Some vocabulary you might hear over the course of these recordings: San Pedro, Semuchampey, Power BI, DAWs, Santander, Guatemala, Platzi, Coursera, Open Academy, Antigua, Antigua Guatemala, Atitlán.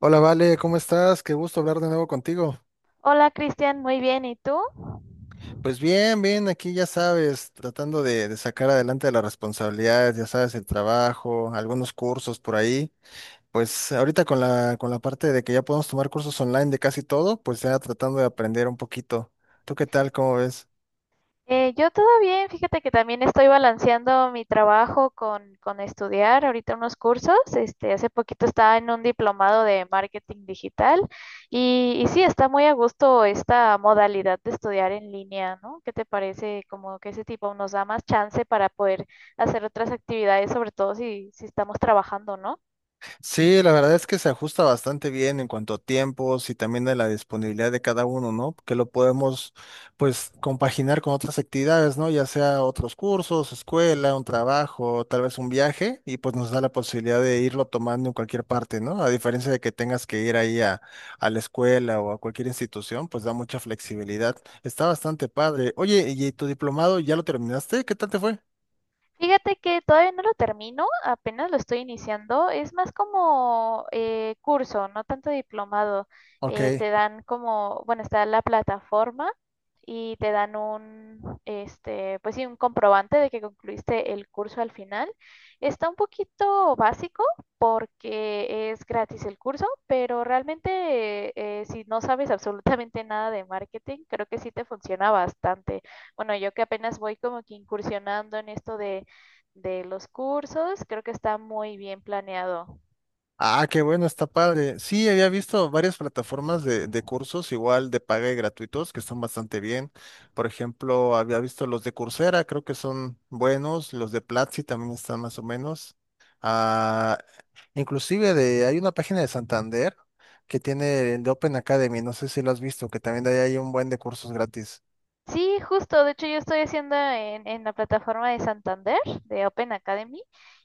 Hola, Vale, ¿cómo estás? Qué gusto hablar de nuevo contigo. Hola Cristian, muy bien, ¿y tú? Pues bien, bien, aquí ya sabes, tratando de sacar adelante las responsabilidades, ya sabes, el trabajo, algunos cursos por ahí. Pues ahorita con la parte de que ya podemos tomar cursos online de casi todo, pues ya tratando de aprender un poquito. ¿Tú qué tal? ¿Cómo ves? Yo todo bien, fíjate que también estoy balanceando mi trabajo con estudiar ahorita unos cursos. Este, hace poquito estaba en un diplomado de marketing digital y sí, está muy a gusto esta modalidad de estudiar en línea, ¿no? ¿Qué te parece? Como que ese tipo nos da más chance para poder hacer otras actividades, sobre todo si estamos trabajando, ¿no? Sí, la verdad es que se ajusta bastante bien en cuanto a tiempos y también de la disponibilidad de cada uno, ¿no? Que lo podemos, pues, compaginar con otras actividades, ¿no? Ya sea otros cursos, escuela, un trabajo, tal vez un viaje, y pues nos da la posibilidad de irlo tomando en cualquier parte, ¿no? A diferencia de que tengas que ir ahí a la escuela o a cualquier institución, pues da mucha flexibilidad. Está bastante padre. Oye, ¿y tu diplomado ya lo terminaste? ¿Qué tal te fue? Fíjate que todavía no lo termino, apenas lo estoy iniciando. Es más como curso, no tanto diplomado. Ok. Te dan como, bueno, está la plataforma y te dan un, este, pues sí, un comprobante de que concluiste el curso al final. Está un poquito básico porque es gratis el curso, pero realmente si no sabes absolutamente nada de marketing, creo que sí te funciona bastante. Bueno, yo que apenas voy como que incursionando en esto de los cursos. Creo que está muy bien planeado. Ah, qué bueno, está padre. Sí, había visto varias plataformas de cursos, igual de paga y gratuitos, que están bastante bien. Por ejemplo, había visto los de Coursera, creo que son buenos, los de Platzi también están más o menos. Ah, inclusive hay una página de Santander que tiene el de Open Academy, no sé si lo has visto, que también de ahí hay un buen de cursos gratis. Sí, justo. De hecho, yo estoy haciendo en la plataforma de Santander, de Open Academy,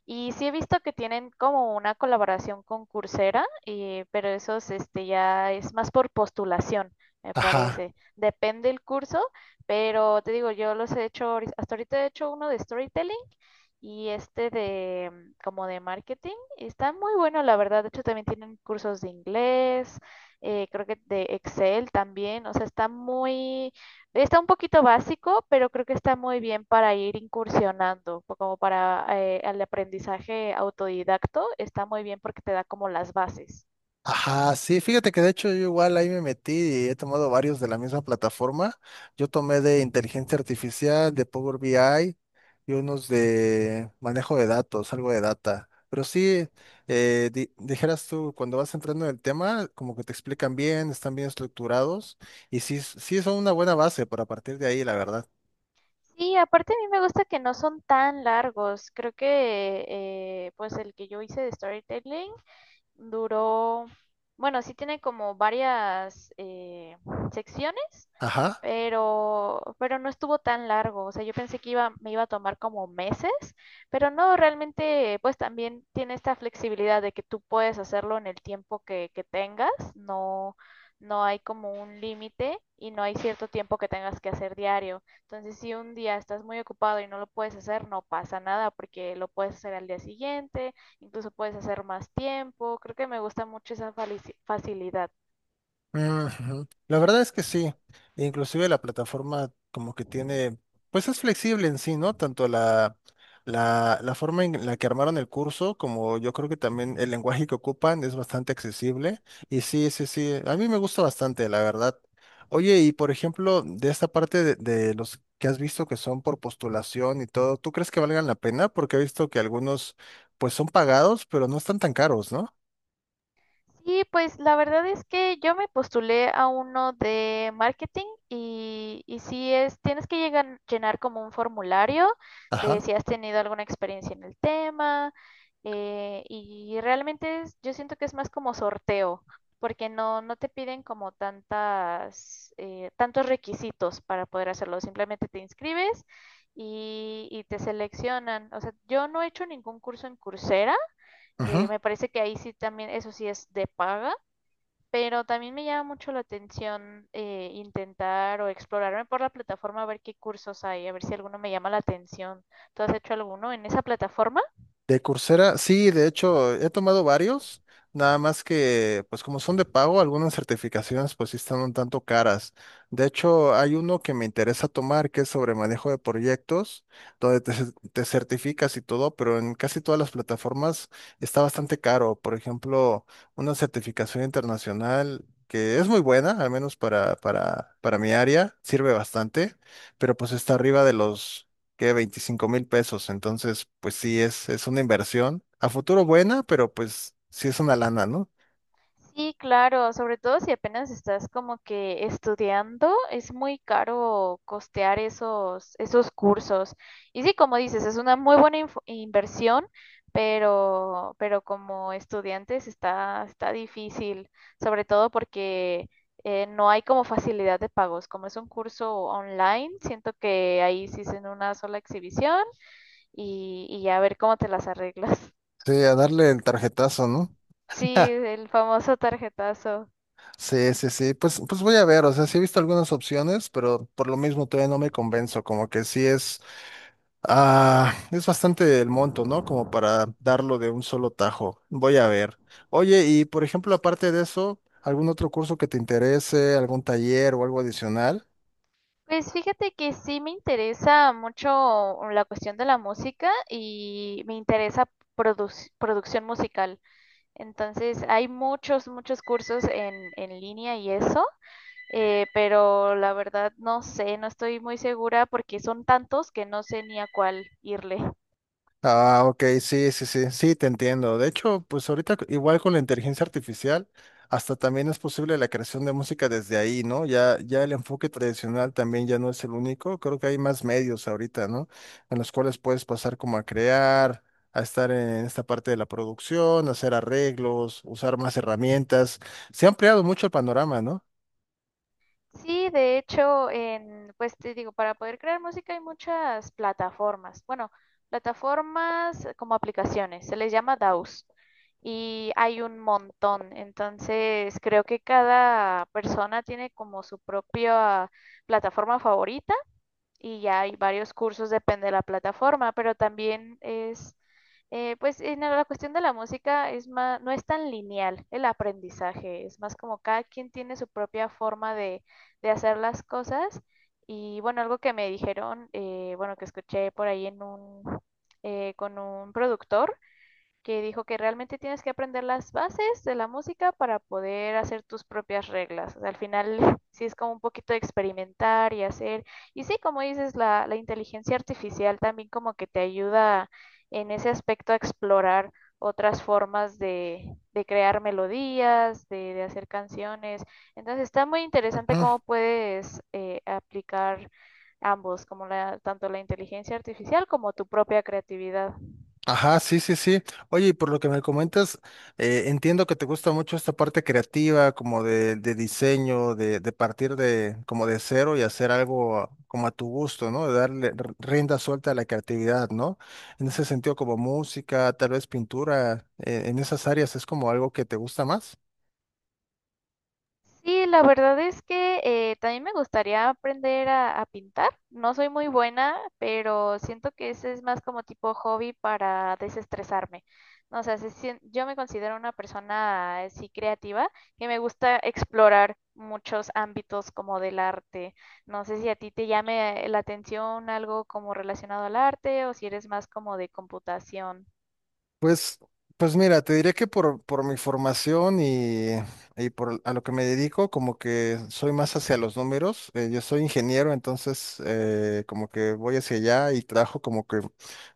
y sí he visto que tienen como una colaboración con Coursera, pero eso es, este, ya es más por postulación, me Ajá. parece. Depende el curso, pero te digo, yo los he hecho, hasta ahorita he hecho uno de storytelling y este de como de marketing. Está muy bueno, la verdad. De hecho, también tienen cursos de inglés, creo que de Excel también. O sea, está muy. Está un poquito básico, pero creo que está muy bien para ir incursionando, como para el aprendizaje autodidacto, está muy bien porque te da como las bases. Ajá, sí, fíjate que de hecho yo igual ahí me metí y he tomado varios de la misma plataforma. Yo tomé de inteligencia artificial, de Power BI y unos de manejo de datos, algo de data. Pero sí, dijeras tú, cuando vas entrando en el tema, como que te explican bien, están bien estructurados y sí, sí son una buena base para partir de ahí, la verdad. Sí, aparte a mí me gusta que no son tan largos. Creo que pues el que yo hice de storytelling duró, bueno, sí tiene como varias secciones, Ajá. pero no estuvo tan largo. O sea, yo pensé que iba, me iba a tomar como meses, pero no, realmente, pues también tiene esta flexibilidad de que tú puedes hacerlo en el tiempo que tengas. No, no hay como un límite y no hay cierto tiempo que tengas que hacer diario. Entonces, si un día estás muy ocupado y no lo puedes hacer, no pasa nada porque lo puedes hacer al día siguiente, incluso puedes hacer más tiempo. Creo que me gusta mucho esa facilidad. Ujú. La verdad es que sí. Inclusive la plataforma como que tiene, pues es flexible en sí, ¿no? Tanto la forma en la que armaron el curso como yo creo que también el lenguaje que ocupan es bastante accesible. Y sí, sí, sí, a mí me gusta bastante, la verdad. Oye, y por ejemplo, de esta parte de los que has visto que son por postulación y todo, ¿tú crees que valgan la pena? Porque he visto que algunos pues son pagados, pero no están tan caros, ¿no? Sí, pues la verdad es que yo me postulé a uno de marketing y sí es, tienes que llegar, llenar como un formulario de Ajá. si has tenido alguna experiencia en el tema, y realmente yo siento que es más como sorteo porque no, no te piden como tantas, tantos requisitos para poder hacerlo, simplemente te inscribes y te seleccionan. O sea, yo no he hecho ningún curso en Coursera, me parece que ahí sí también, eso sí es de paga, pero también me llama mucho la atención intentar o explorarme por la plataforma a ver qué cursos hay, a ver si alguno me llama la atención. ¿Tú has hecho alguno en esa plataforma? De Coursera, sí, de hecho, he tomado varios, nada más que, pues como son de pago, algunas certificaciones pues sí están un tanto caras. De hecho, hay uno que me interesa tomar que es sobre manejo de proyectos, donde te certificas y todo, pero en casi todas las plataformas está bastante caro. Por ejemplo, una certificación internacional que es muy buena, al menos para mi área, sirve bastante, pero pues está arriba de los que 25,000 pesos. Entonces, pues sí, es una inversión a futuro buena, pero pues sí es una lana, ¿no? Sí, claro, sobre todo si apenas estás como que estudiando, es muy caro costear esos, esos cursos. Y sí, como dices, es una muy buena inversión, pero como estudiantes está, está difícil, sobre todo porque no hay como facilidad de pagos. Como es un curso online, siento que ahí sí es en una sola exhibición y ya a ver cómo te las arreglas. Sí, a darle el tarjetazo, ¿no? Sí, el famoso tarjetazo. sí, sí, sí. Pues voy a ver, o sea, sí he visto algunas opciones, pero por lo mismo todavía no me convenzo, como que sí es bastante el monto, ¿no? Como para darlo de un solo tajo. Voy a ver. Oye, y por ejemplo, aparte de eso, ¿algún otro curso que te interese, algún taller o algo adicional? Pues fíjate que sí me interesa mucho la cuestión de la música y me interesa producción musical. Entonces hay muchos, muchos cursos en línea y eso, pero la verdad no sé, no estoy muy segura porque son tantos que no sé ni a cuál irle. Ah, ok, sí, sí, sí, sí, te entiendo. De hecho, pues ahorita igual con la inteligencia artificial, hasta también es posible la creación de música desde ahí, ¿no? Ya el enfoque tradicional también ya no es el único. Creo que hay más medios ahorita, ¿no? En los cuales puedes pasar como a crear, a estar en esta parte de la producción, hacer arreglos, usar más herramientas. Se ha ampliado mucho el panorama, ¿no? Sí, de hecho, en, pues te digo, para poder crear música hay muchas plataformas. Bueno, plataformas como aplicaciones, se les llama DAWs y hay un montón. Entonces, creo que cada persona tiene como su propia plataforma favorita y ya hay varios cursos, depende de la plataforma, pero también es, pues en la cuestión de la música es más, no es tan lineal el aprendizaje, es más como cada quien tiene su propia forma de hacer las cosas. Y bueno, algo que me dijeron, bueno, que escuché por ahí en un, con un productor, que dijo que realmente tienes que aprender las bases de la música para poder hacer tus propias reglas. O sea, al final sí es como un poquito de experimentar y hacer. Y sí, como dices, la inteligencia artificial también como que te ayuda en ese aspecto a explorar otras formas de crear melodías, de hacer canciones. Entonces está muy interesante cómo puedes aplicar ambos, como la, tanto la inteligencia artificial como tu propia creatividad. Ajá, sí, sí, sí. Oye, y por lo que me comentas, entiendo que te gusta mucho esta parte creativa, como de diseño, de partir como de cero y hacer algo como a tu gusto, ¿no? De darle rienda suelta a la creatividad, ¿no? En ese sentido, como música, tal vez pintura, en esas áreas es como algo que te gusta más. Sí, la verdad es que también me gustaría aprender a pintar. No soy muy buena, pero siento que ese es más como tipo hobby para desestresarme. No sé, yo me considero una persona así creativa que me gusta explorar muchos ámbitos como del arte. No sé si a ti te llame la atención algo como relacionado al arte o si eres más como de computación. Pues, pues mira, te diré que por mi formación y por a lo que me dedico, como que soy más hacia los números. Yo soy ingeniero, entonces como que voy hacia allá y trabajo como que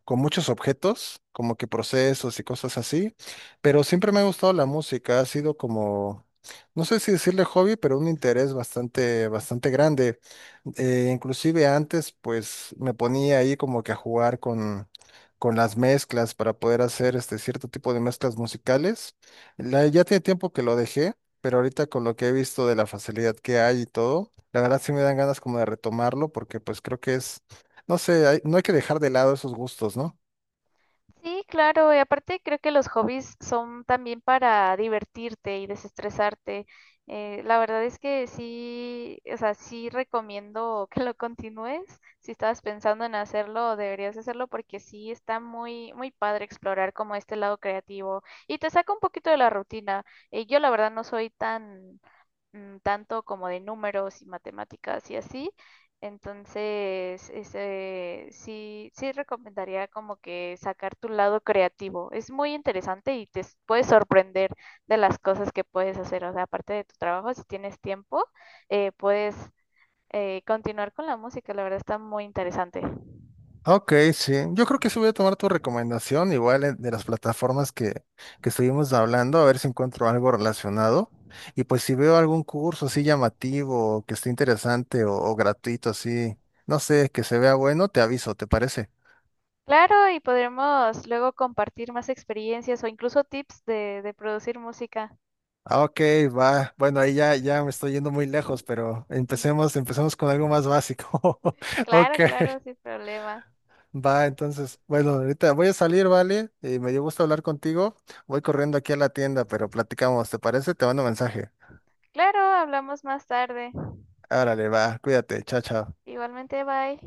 con muchos objetos, como que procesos y cosas así. Pero siempre me ha gustado la música, ha sido como, no sé si decirle hobby, pero un interés bastante, bastante grande. Inclusive antes, pues me ponía ahí como que a jugar con las mezclas para poder hacer este cierto tipo de mezclas musicales. Ya tiene tiempo que lo dejé, pero ahorita con lo que he visto de la facilidad que hay y todo, la verdad sí me dan ganas como de retomarlo porque pues creo que es, no sé, no hay que dejar de lado esos gustos, ¿no? Sí, claro, y aparte creo que los hobbies son también para divertirte y desestresarte. La verdad es que sí, o sea, sí recomiendo que lo continúes. Si estabas pensando en hacerlo, deberías hacerlo porque sí está muy, muy padre explorar como este lado creativo y te saca un poquito de la rutina. Yo la verdad no soy tan tanto como de números y matemáticas y así. Entonces, ese, sí, sí recomendaría como que sacar tu lado creativo. Es muy interesante y puedes sorprender de las cosas que puedes hacer. O sea, aparte de tu trabajo, si tienes tiempo, puedes continuar con la música. La verdad está muy interesante. Ok, sí. Yo creo que sí voy a tomar tu recomendación, igual de las plataformas que estuvimos hablando, a ver si encuentro algo relacionado. Y pues si veo algún curso así llamativo, o que esté interesante o gratuito, así, no sé, que se vea bueno, te aviso, ¿te parece? Claro, y podremos luego compartir más experiencias o incluso tips de producir música. Ah, Ok, va. Bueno, ahí ya me estoy yendo muy lejos, pero empecemos, empecemos con algo más básico. Ok. Claro, claro, sin problema. Va, entonces, bueno, ahorita voy a salir, ¿vale? Y me dio gusto hablar contigo. Voy corriendo aquí a la tienda, pero platicamos, ¿te parece? Te mando mensaje. Claro, hablamos más tarde. Árale, va, cuídate, chao, chao. Igualmente, bye.